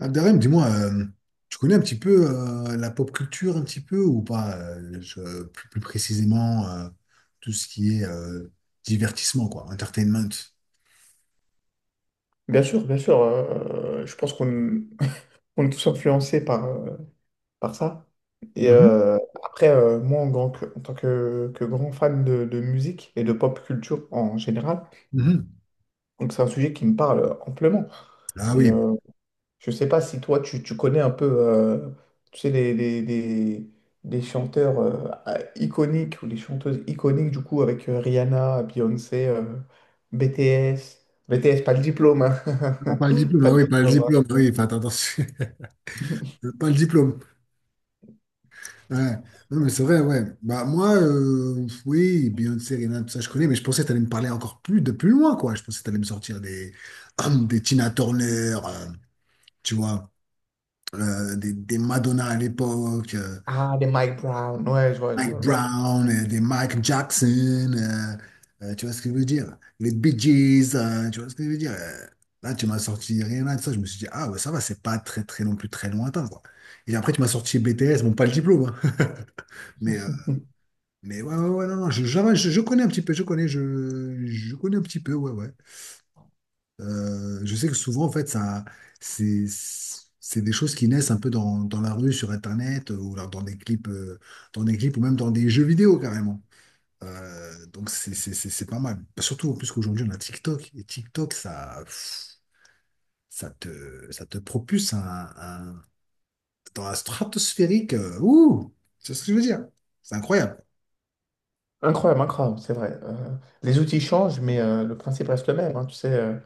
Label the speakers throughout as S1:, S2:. S1: Abderrahim, dis-moi, tu connais un petit peu la pop culture, un petit peu ou pas plus, plus précisément tout ce qui est divertissement, quoi, entertainment.
S2: Bien sûr, bien sûr, je pense qu'on on est tous influencés par, par ça. Et
S1: Mhm,
S2: euh, moi, en tant que, grand fan de musique et de pop culture en général,
S1: mhm.
S2: donc c'est un sujet qui me parle amplement.
S1: Ah
S2: Et
S1: oui.
S2: euh, je sais pas si toi, tu connais un peu, tu sais, les chanteurs iconiques ou les chanteuses iconiques, du coup, avec Rihanna, Beyoncé, BTS. BTS, pas le diplôme, hein.
S1: Ah, pas le diplôme,
S2: Pas
S1: ah
S2: le
S1: oui, pas le
S2: diplôme.
S1: diplôme, ah oui, faites attention, pas le diplôme. Ouais. Non, mais c'est vrai, ouais. Bah, moi, oui, Beyoncé, Rihanna, tout ça, je connais, mais je pensais que tu allais me parler encore plus de plus loin, quoi. Je pensais que tu allais me sortir des Tina Turner, tu vois. Des Madonna à l'époque,
S2: Ah, des Mike Brown. Ouais, je vois, je vois,
S1: Mike
S2: je vois.
S1: Brown, des Mike Jackson, tu vois ce que je veux dire? Les Bee Gees, tu vois ce que je veux dire? Là, tu m'as sorti rien là de ça, je me suis dit, ah ouais, ça va, c'est pas très très non plus très lointain, quoi. Et après, tu m'as sorti BTS, bon, pas le diplôme, hein, mais, euh, mais ouais, ouais, ouais, non, non, je connais un petit peu, je connais, je connais un petit peu, ouais, ouais. Je sais que souvent, en fait, c'est, c'est des choses qui naissent un peu dans la rue, sur Internet, ou alors dans des clips, ou même dans des jeux vidéo carrément. Donc c'est pas mal. Bah, surtout en plus qu'aujourd'hui, on a TikTok, et TikTok, ça, pff, ça te propulse un- dans la stratosphérique. C'est ce que je veux dire. C'est incroyable.
S2: Incroyable, incroyable, c'est vrai. Les outils changent, mais le principe reste le même, hein, tu sais,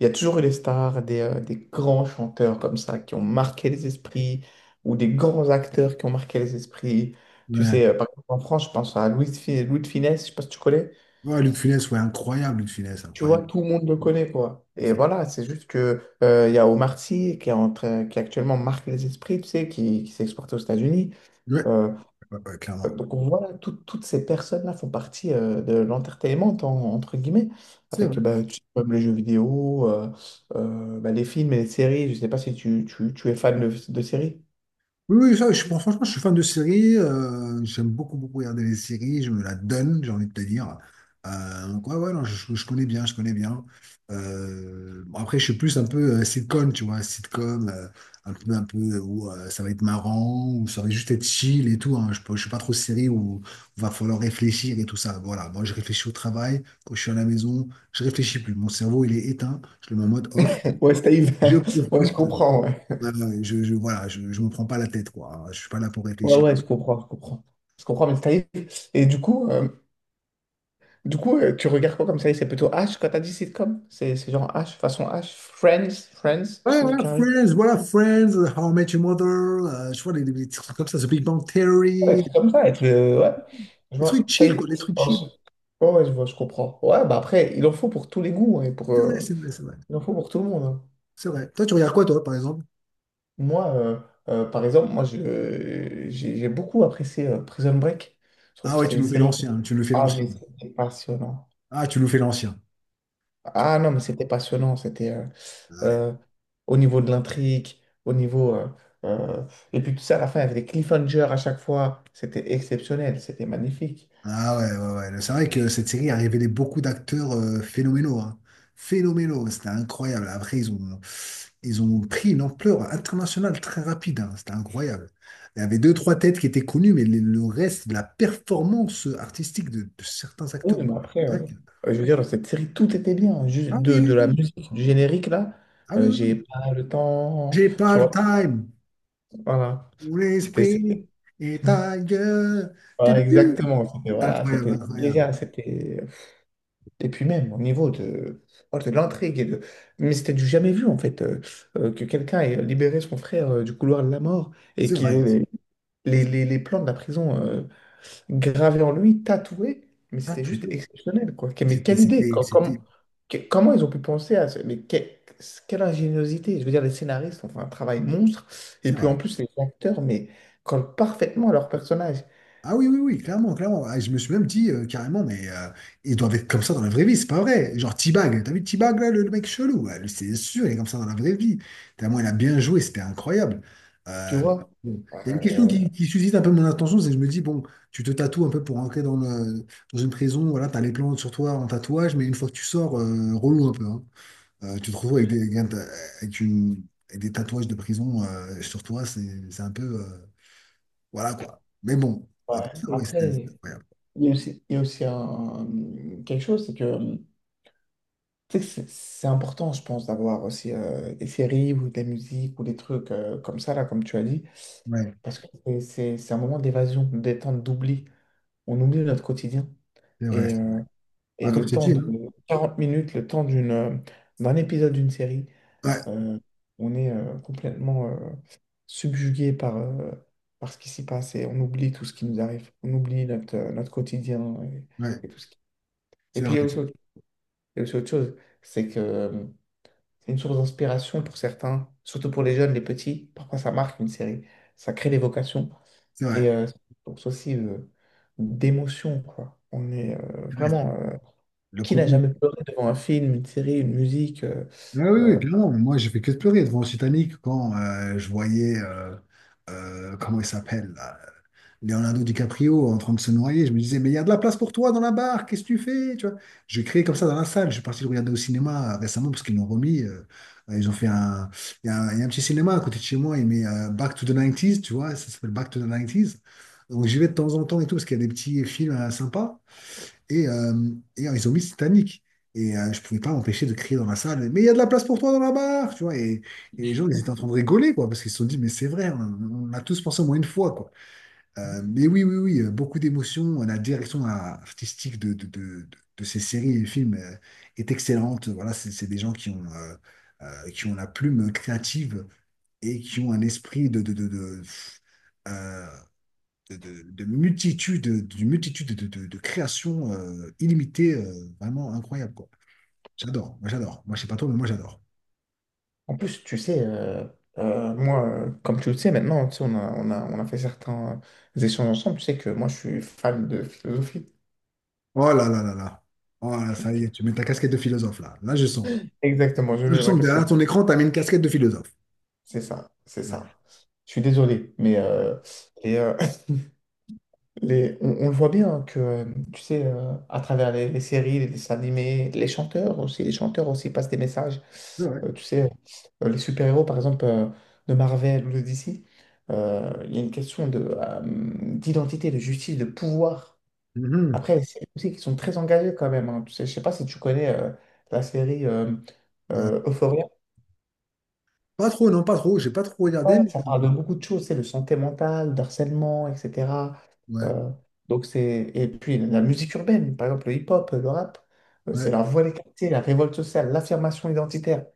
S2: il y a toujours eu des stars, des grands chanteurs comme ça qui ont marqué les esprits ou des grands acteurs qui ont marqué les esprits. Tu
S1: Ouais.
S2: sais, par exemple, en France, je pense à Louis de Funès, je sais pas si tu connais.
S1: Ouais, Luc Funès, ouais, incroyable, Luc Funès,
S2: Tu
S1: incroyable.
S2: vois, tout le monde le connaît, quoi. Et
S1: C'est-
S2: voilà, c'est juste que il y a Omar Sy qui est en train- qui actuellement marque les esprits, tu sais, qui s'est exporté aux États-Unis.
S1: Ouais,
S2: Euh,
S1: ouais, ouais,
S2: Euh,
S1: clairement.
S2: Donc voilà, toutes ces personnes-là font partie de l'entertainment, entre guillemets,
S1: C'est
S2: avec bah, tu comme les jeux vidéo, bah, les films et les séries. Je ne sais pas si tu es fan de séries.
S1: Oui, oui, ça, bon, franchement, je suis fan de séries. J'aime beaucoup, beaucoup regarder les séries. Je me la donne, j'ai envie de te dire. Donc, ouais, ouais, non, je connais bien, je connais bien. Bon, après, je suis plus un peu sitcom, tu vois, sitcom, un peu où ça va être marrant, où ça va juste être chill et tout, hein. Je suis pas trop série où il va falloir réfléchir et tout ça. Voilà, moi, je réfléchis au travail. Quand je suis à la maison, je réfléchis plus. Mon cerveau, il est éteint. Je le mets en mode off.
S2: Ouais, Steve.
S1: Je
S2: Ouais, je
S1: profite.
S2: comprends. Ouais,
S1: Ouais, ouais, voilà, je me prends pas la tête, quoi. Je suis pas là pour
S2: ouais,
S1: réfléchir.
S2: ouais, je comprends, je comprends. Je comprends, mais Steve. Et du coup, euh, Du coup, tu regardes quoi comme série? C'est plutôt H quand t'as dit sitcom? C'est genre H, façon H, Friends, Friends,
S1: Ouais,
S2: chez Carrie.
S1: Voilà, Friends, How I Met Your Mother, je vois des, des trucs comme ça, The Big Bang
S2: Ouais, des
S1: Theory,
S2: comme ça, être ouais. Je
S1: des
S2: vois.
S1: trucs chill, quoi, des trucs chill.
S2: Ouais, ouais, je vois, je comprends. Ouais, bah après, il en faut pour tous les goûts, hein, et pour,
S1: C'est vrai, c'est vrai, c'est vrai.
S2: il en faut pour tout le monde, hein.
S1: C'est vrai. Toi, tu regardes quoi, toi, par exemple?
S2: Moi, par exemple, moi, j'ai beaucoup apprécié Prison Break. Je trouve
S1: Ah
S2: que
S1: ouais,
S2: c'était
S1: tu
S2: une
S1: nous fais
S2: série qui.
S1: l'ancien, tu nous fais
S2: Ah,
S1: l'ancien.
S2: mais c'était passionnant.
S1: Ah, tu nous fais l'ancien. Tu-
S2: Ah non, mais c'était passionnant. C'était
S1: Ah ouais.
S2: euh, Au niveau de l'intrigue, au niveau... euh, euh, et puis tout ça, à la fin, il y avait des cliffhangers à chaque fois. C'était exceptionnel, c'était magnifique.
S1: Ah ouais, ouais, ouais. C'est vrai que cette série a révélé beaucoup d'acteurs phénoménaux, hein. Phénoménaux, c'était incroyable. Après, ils ont pris une ampleur internationale très rapide, hein. C'était incroyable. Il y avait deux, trois têtes qui étaient connues, mais le reste, de la performance artistique de certains
S2: Oui,
S1: acteurs.
S2: mais après, je veux dire, dans cette série, tout était bien. Juste
S1: Ah oui, oui,
S2: de la
S1: oui.
S2: musique, du générique, là,
S1: Ah oui, oui,
S2: j'ai
S1: oui.
S2: pas le temps,
S1: J'ai pas
S2: tu
S1: le
S2: vois,
S1: time.
S2: voilà.
S1: Mon
S2: C'était...
S1: esprit
S2: c'était-
S1: est ailleurs.
S2: Voilà,
S1: Tu.
S2: exactement. C'était, voilà,
S1: Incroyable,
S2: c'était
S1: incroyable.
S2: déjà, c'était... Et puis même au niveau de, oh, de l'intrigue et de... Mais c'était du jamais vu en fait, que quelqu'un ait libéré son frère du couloir de la mort et
S1: C'est
S2: qu'il
S1: vrai.
S2: ait les plans de la prison gravés en lui, tatoués. Mais
S1: Ah,
S2: c'était
S1: tout.
S2: juste exceptionnel quoi. Mais quelle idée!
S1: C'était,
S2: Comment ils ont pu penser à ça? Quelle ingéniosité! Je veux dire, les scénaristes ont fait un travail monstre. Et
S1: c'est
S2: puis
S1: vrai.
S2: en plus, les acteurs, mais collent parfaitement à leur personnage.
S1: Ah oui, oui, oui, clairement, clairement. Ah, je me suis même dit carrément, mais ils doivent être comme ça dans la vraie vie, c'est pas vrai. Genre T-Bag, t'as vu T-Bag là, le mec chelou, ouais, c'est sûr, il est comme ça dans la vraie vie. Tellement il a bien joué, c'était incroyable.
S2: Tu
S1: Euh,
S2: vois?
S1: bon. Il y a une question
S2: Euh,
S1: qui suscite un peu mon attention, c'est que je me dis, bon, tu te tatoues un peu pour rentrer dans une prison, voilà, t'as les plantes sur toi en tatouage, mais une fois que tu sors, relou un peu, hein. Tu te retrouves avec une- avec des tatouages de prison sur toi, c'est un peu. Voilà quoi. Mais bon,
S2: ouais.
S1: après ça, ouais, c'était c'était
S2: Après.
S1: incroyable.
S2: Il y a aussi un, quelque chose, c'est que tu sais, c'est important, je pense, d'avoir aussi des séries ou de la musique ou des trucs comme ça, là, comme tu as dit,
S1: Ouais,
S2: parce que c'est un moment d'évasion, de détente, d'oubli. On oublie notre quotidien.
S1: c'est vrai,
S2: Et,
S1: c'est vrai.
S2: euh,
S1: Ah,
S2: et
S1: comme je
S2: le
S1: t'ai
S2: temps
S1: dit,
S2: de
S1: hein.
S2: 40 minutes, le temps d'un épisode d'une série,
S1: Ouais,
S2: euh, on est complètement subjugué par, par ce qui s'y passe et on oublie tout ce qui nous arrive. On oublie notre, notre quotidien
S1: ouais,
S2: et tout ce qui... Et
S1: c'est
S2: puis
S1: vrai,
S2: il y a aussi autre Et c'est autre chose, c'est que c'est une source d'inspiration pour certains, surtout pour les jeunes, les petits. Parfois, ça marque une série, ça crée des vocations
S1: c'est vrai,
S2: et c'est une source aussi d'émotion, quoi. On est
S1: c'est vrai.
S2: vraiment.
S1: Le
S2: Qui n'a
S1: Covid.
S2: jamais pleuré devant un film, une série, une musique
S1: Ah oui, oui,
S2: euh,
S1: clairement. Moi, j'ai fait que de pleurer devant Titanic quand je voyais, comment il s'appelle, là, Leonardo DiCaprio en train de se noyer. Je me disais, mais il y a de la place pour toi dans la barre, qu'est-ce que tu fais? Tu vois, j'ai crié comme ça dans la salle. Je suis parti le regarder au cinéma récemment parce qu'ils l'ont remis. Ils ont fait un. Il y a un petit cinéma à côté de chez moi, il met Back to the 90s, tu vois, ça s'appelle Back to the 90s. Donc j'y vais de temps en temps et tout parce qu'il y a des petits films sympas. Et, euh, Ils ont mis Titanic. Je pouvais pas m'empêcher de crier dans la salle, mais il y a de la place pour toi dans la barre, tu vois. Et les gens, ils étaient en train de rigoler, quoi, parce qu'ils se sont dit, mais c'est vrai, on a tous pensé au moins une fois, quoi. Mais oui, oui, oui, beaucoup d'émotions. La direction artistique de ces séries et films est excellente. Voilà, c'est des gens qui ont la plume créative et qui ont un esprit euh, de multitude, d'une multitude de créations illimitées, vraiment incroyables, quoi. J'adore. Moi je sais pas toi, mais moi j'adore.
S2: en plus, tu sais, moi, comme tu le sais maintenant, tu sais, on a fait certains échanges ensemble. Tu sais que moi, je suis fan de philosophie.
S1: Oh là là là là. Oh là, ça y est, tu mets ta casquette de philosophe là. Là je sens.
S2: Exactement, je
S1: Je
S2: mets ma
S1: sens que derrière
S2: casquette.
S1: ton écran, tu as mis une casquette de philosophe.
S2: C'est ça, c'est
S1: Ouais.
S2: ça. Je suis désolé, mais les, euh, on le voit bien que, tu sais, à travers les séries, les dessins animés, les chanteurs aussi passent des messages.
S1: Ouais, ouais.
S2: Tu sais, les super-héros, par exemple, de Marvel ou de DC, il y a une question de, d'identité, de justice, de pouvoir.
S1: Mhm.
S2: Après, les séries aussi qui sont très engagées quand même, hein. Tu sais, je sais pas si tu connais la série
S1: Euh,
S2: Euphoria.
S1: Pas trop, non, pas trop. J'ai pas trop regardé,
S2: Ouais,
S1: mais
S2: ça parle de beaucoup de choses, c'est de santé mentale, d'harcèlement, etc.
S1: ouais,
S2: Euh, donc c'est... Et puis la musique urbaine, par exemple le hip-hop, le rap, c'est
S1: ouais,
S2: la voix des quartiers, la révolte sociale, l'affirmation identitaire.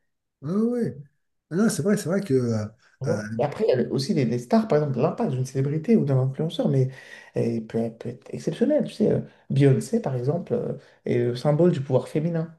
S1: ouais, ouais. Ah non, c'est vrai que
S2: Tu
S1: euh,
S2: vois. Et après, il y a le- aussi les stars, par exemple, l'impact d'une célébrité ou d'un influenceur, mais peut être exceptionnel. Tu sais, Beyoncé, par exemple, est le symbole du pouvoir féminin.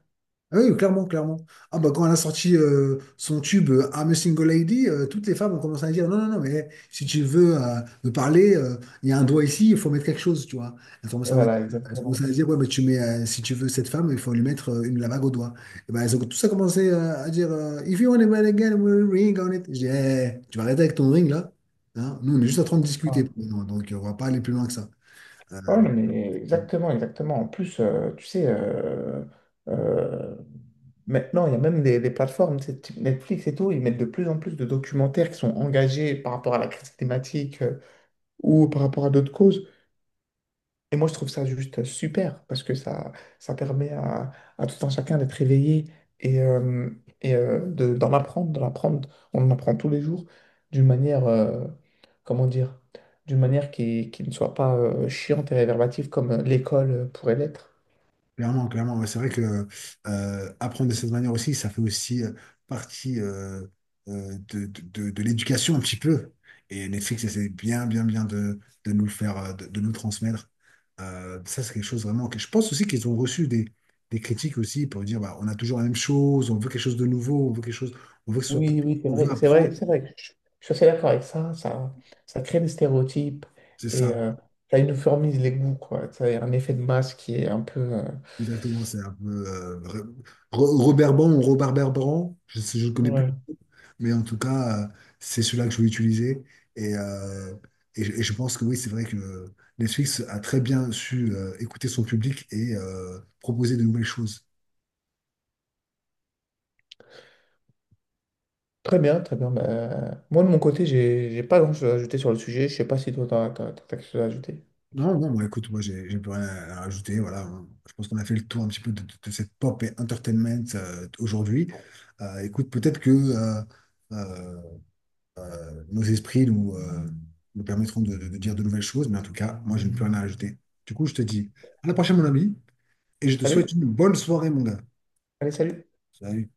S1: ah oui, clairement, clairement. Ah bah quand elle a sorti son tube I'm a Single Lady, toutes les femmes ont commencé à dire non, non, non, mais si tu veux me parler, il y a un doigt ici, il faut mettre quelque chose, tu vois. Elles ont commencé
S2: Voilà,
S1: elles ont commencé
S2: exactement.
S1: à dire ouais, mais tu mets, si tu veux cette femme, il faut lui mettre une la bague au doigt. Et ben elles ont tout ça commencé à dire If you want a man again, we'll ring on it. Je dis, eh, tu vas arrêter avec ton ring là. Hein, nous, on est juste en train de
S2: Ouais.
S1: discuter. Non, donc, on va pas aller plus loin que ça. Euh,
S2: Ouais, non, mais exactement, exactement. En plus, tu sais, euh, maintenant, il y a même des plateformes, tu sais, type Netflix et tout, ils mettent de plus en plus de documentaires qui sont engagés par rapport à la crise climatique ou par rapport à d'autres causes. Et moi, je trouve ça juste super parce que ça permet à tout un chacun d'être éveillé et, euh, et de, d'en apprendre, d'en apprendre. On en apprend tous les jours d'une manière, comment dire, d'une manière qui ne soit pas chiante et réverbative comme l'école pourrait l'être.
S1: Clairement, clairement. Ouais, c'est vrai que apprendre de cette manière aussi, ça fait aussi partie de l'éducation un petit peu. Et Netflix essaie bien, bien, bien de nous le faire, de nous le transmettre. Ça, c'est quelque chose vraiment que je pense aussi qu'ils ont reçu des critiques aussi pour dire bah, on a toujours la même chose, on veut quelque chose de nouveau, on veut quelque chose, on veut que ce soit,
S2: Oui, oui, c'est
S1: on veut
S2: vrai, c'est
S1: apprendre.
S2: vrai, c'est vrai. Je suis assez d'accord avec ça. Ça crée des stéréotypes
S1: C'est
S2: et
S1: ça,
S2: ça uniformise les goûts, quoi. Ça a un effet de masse qui est un peu.
S1: exactement. C'est un peu Robert Bran ou Robert Berbran, je ne connais plus.
S2: Ouais.
S1: Mais en tout cas, c'est celui-là que je vais utiliser. Et, euh, je pense que oui, c'est vrai que Netflix a très bien su écouter son public et proposer de nouvelles choses.
S2: Très bien, très bien. Bah, moi, de mon côté, j'ai pas grand-chose à ajouter sur le sujet. Je sais pas si toi, t'as quelque chose à ajouter.
S1: Non, non, bon, écoute, moi, j'ai plus rien à rajouter. Voilà, je pense qu'on a fait le tour un petit peu de cette pop et entertainment aujourd'hui. Écoute, peut-être que euh, nos esprits nous, nous permettront de dire de nouvelles choses, mais en tout cas, moi, je n'ai plus rien à rajouter. Du coup, je te dis à la prochaine, mon ami, et je te souhaite
S2: Salut.
S1: une bonne soirée, mon gars.
S2: Allez, salut.
S1: Salut.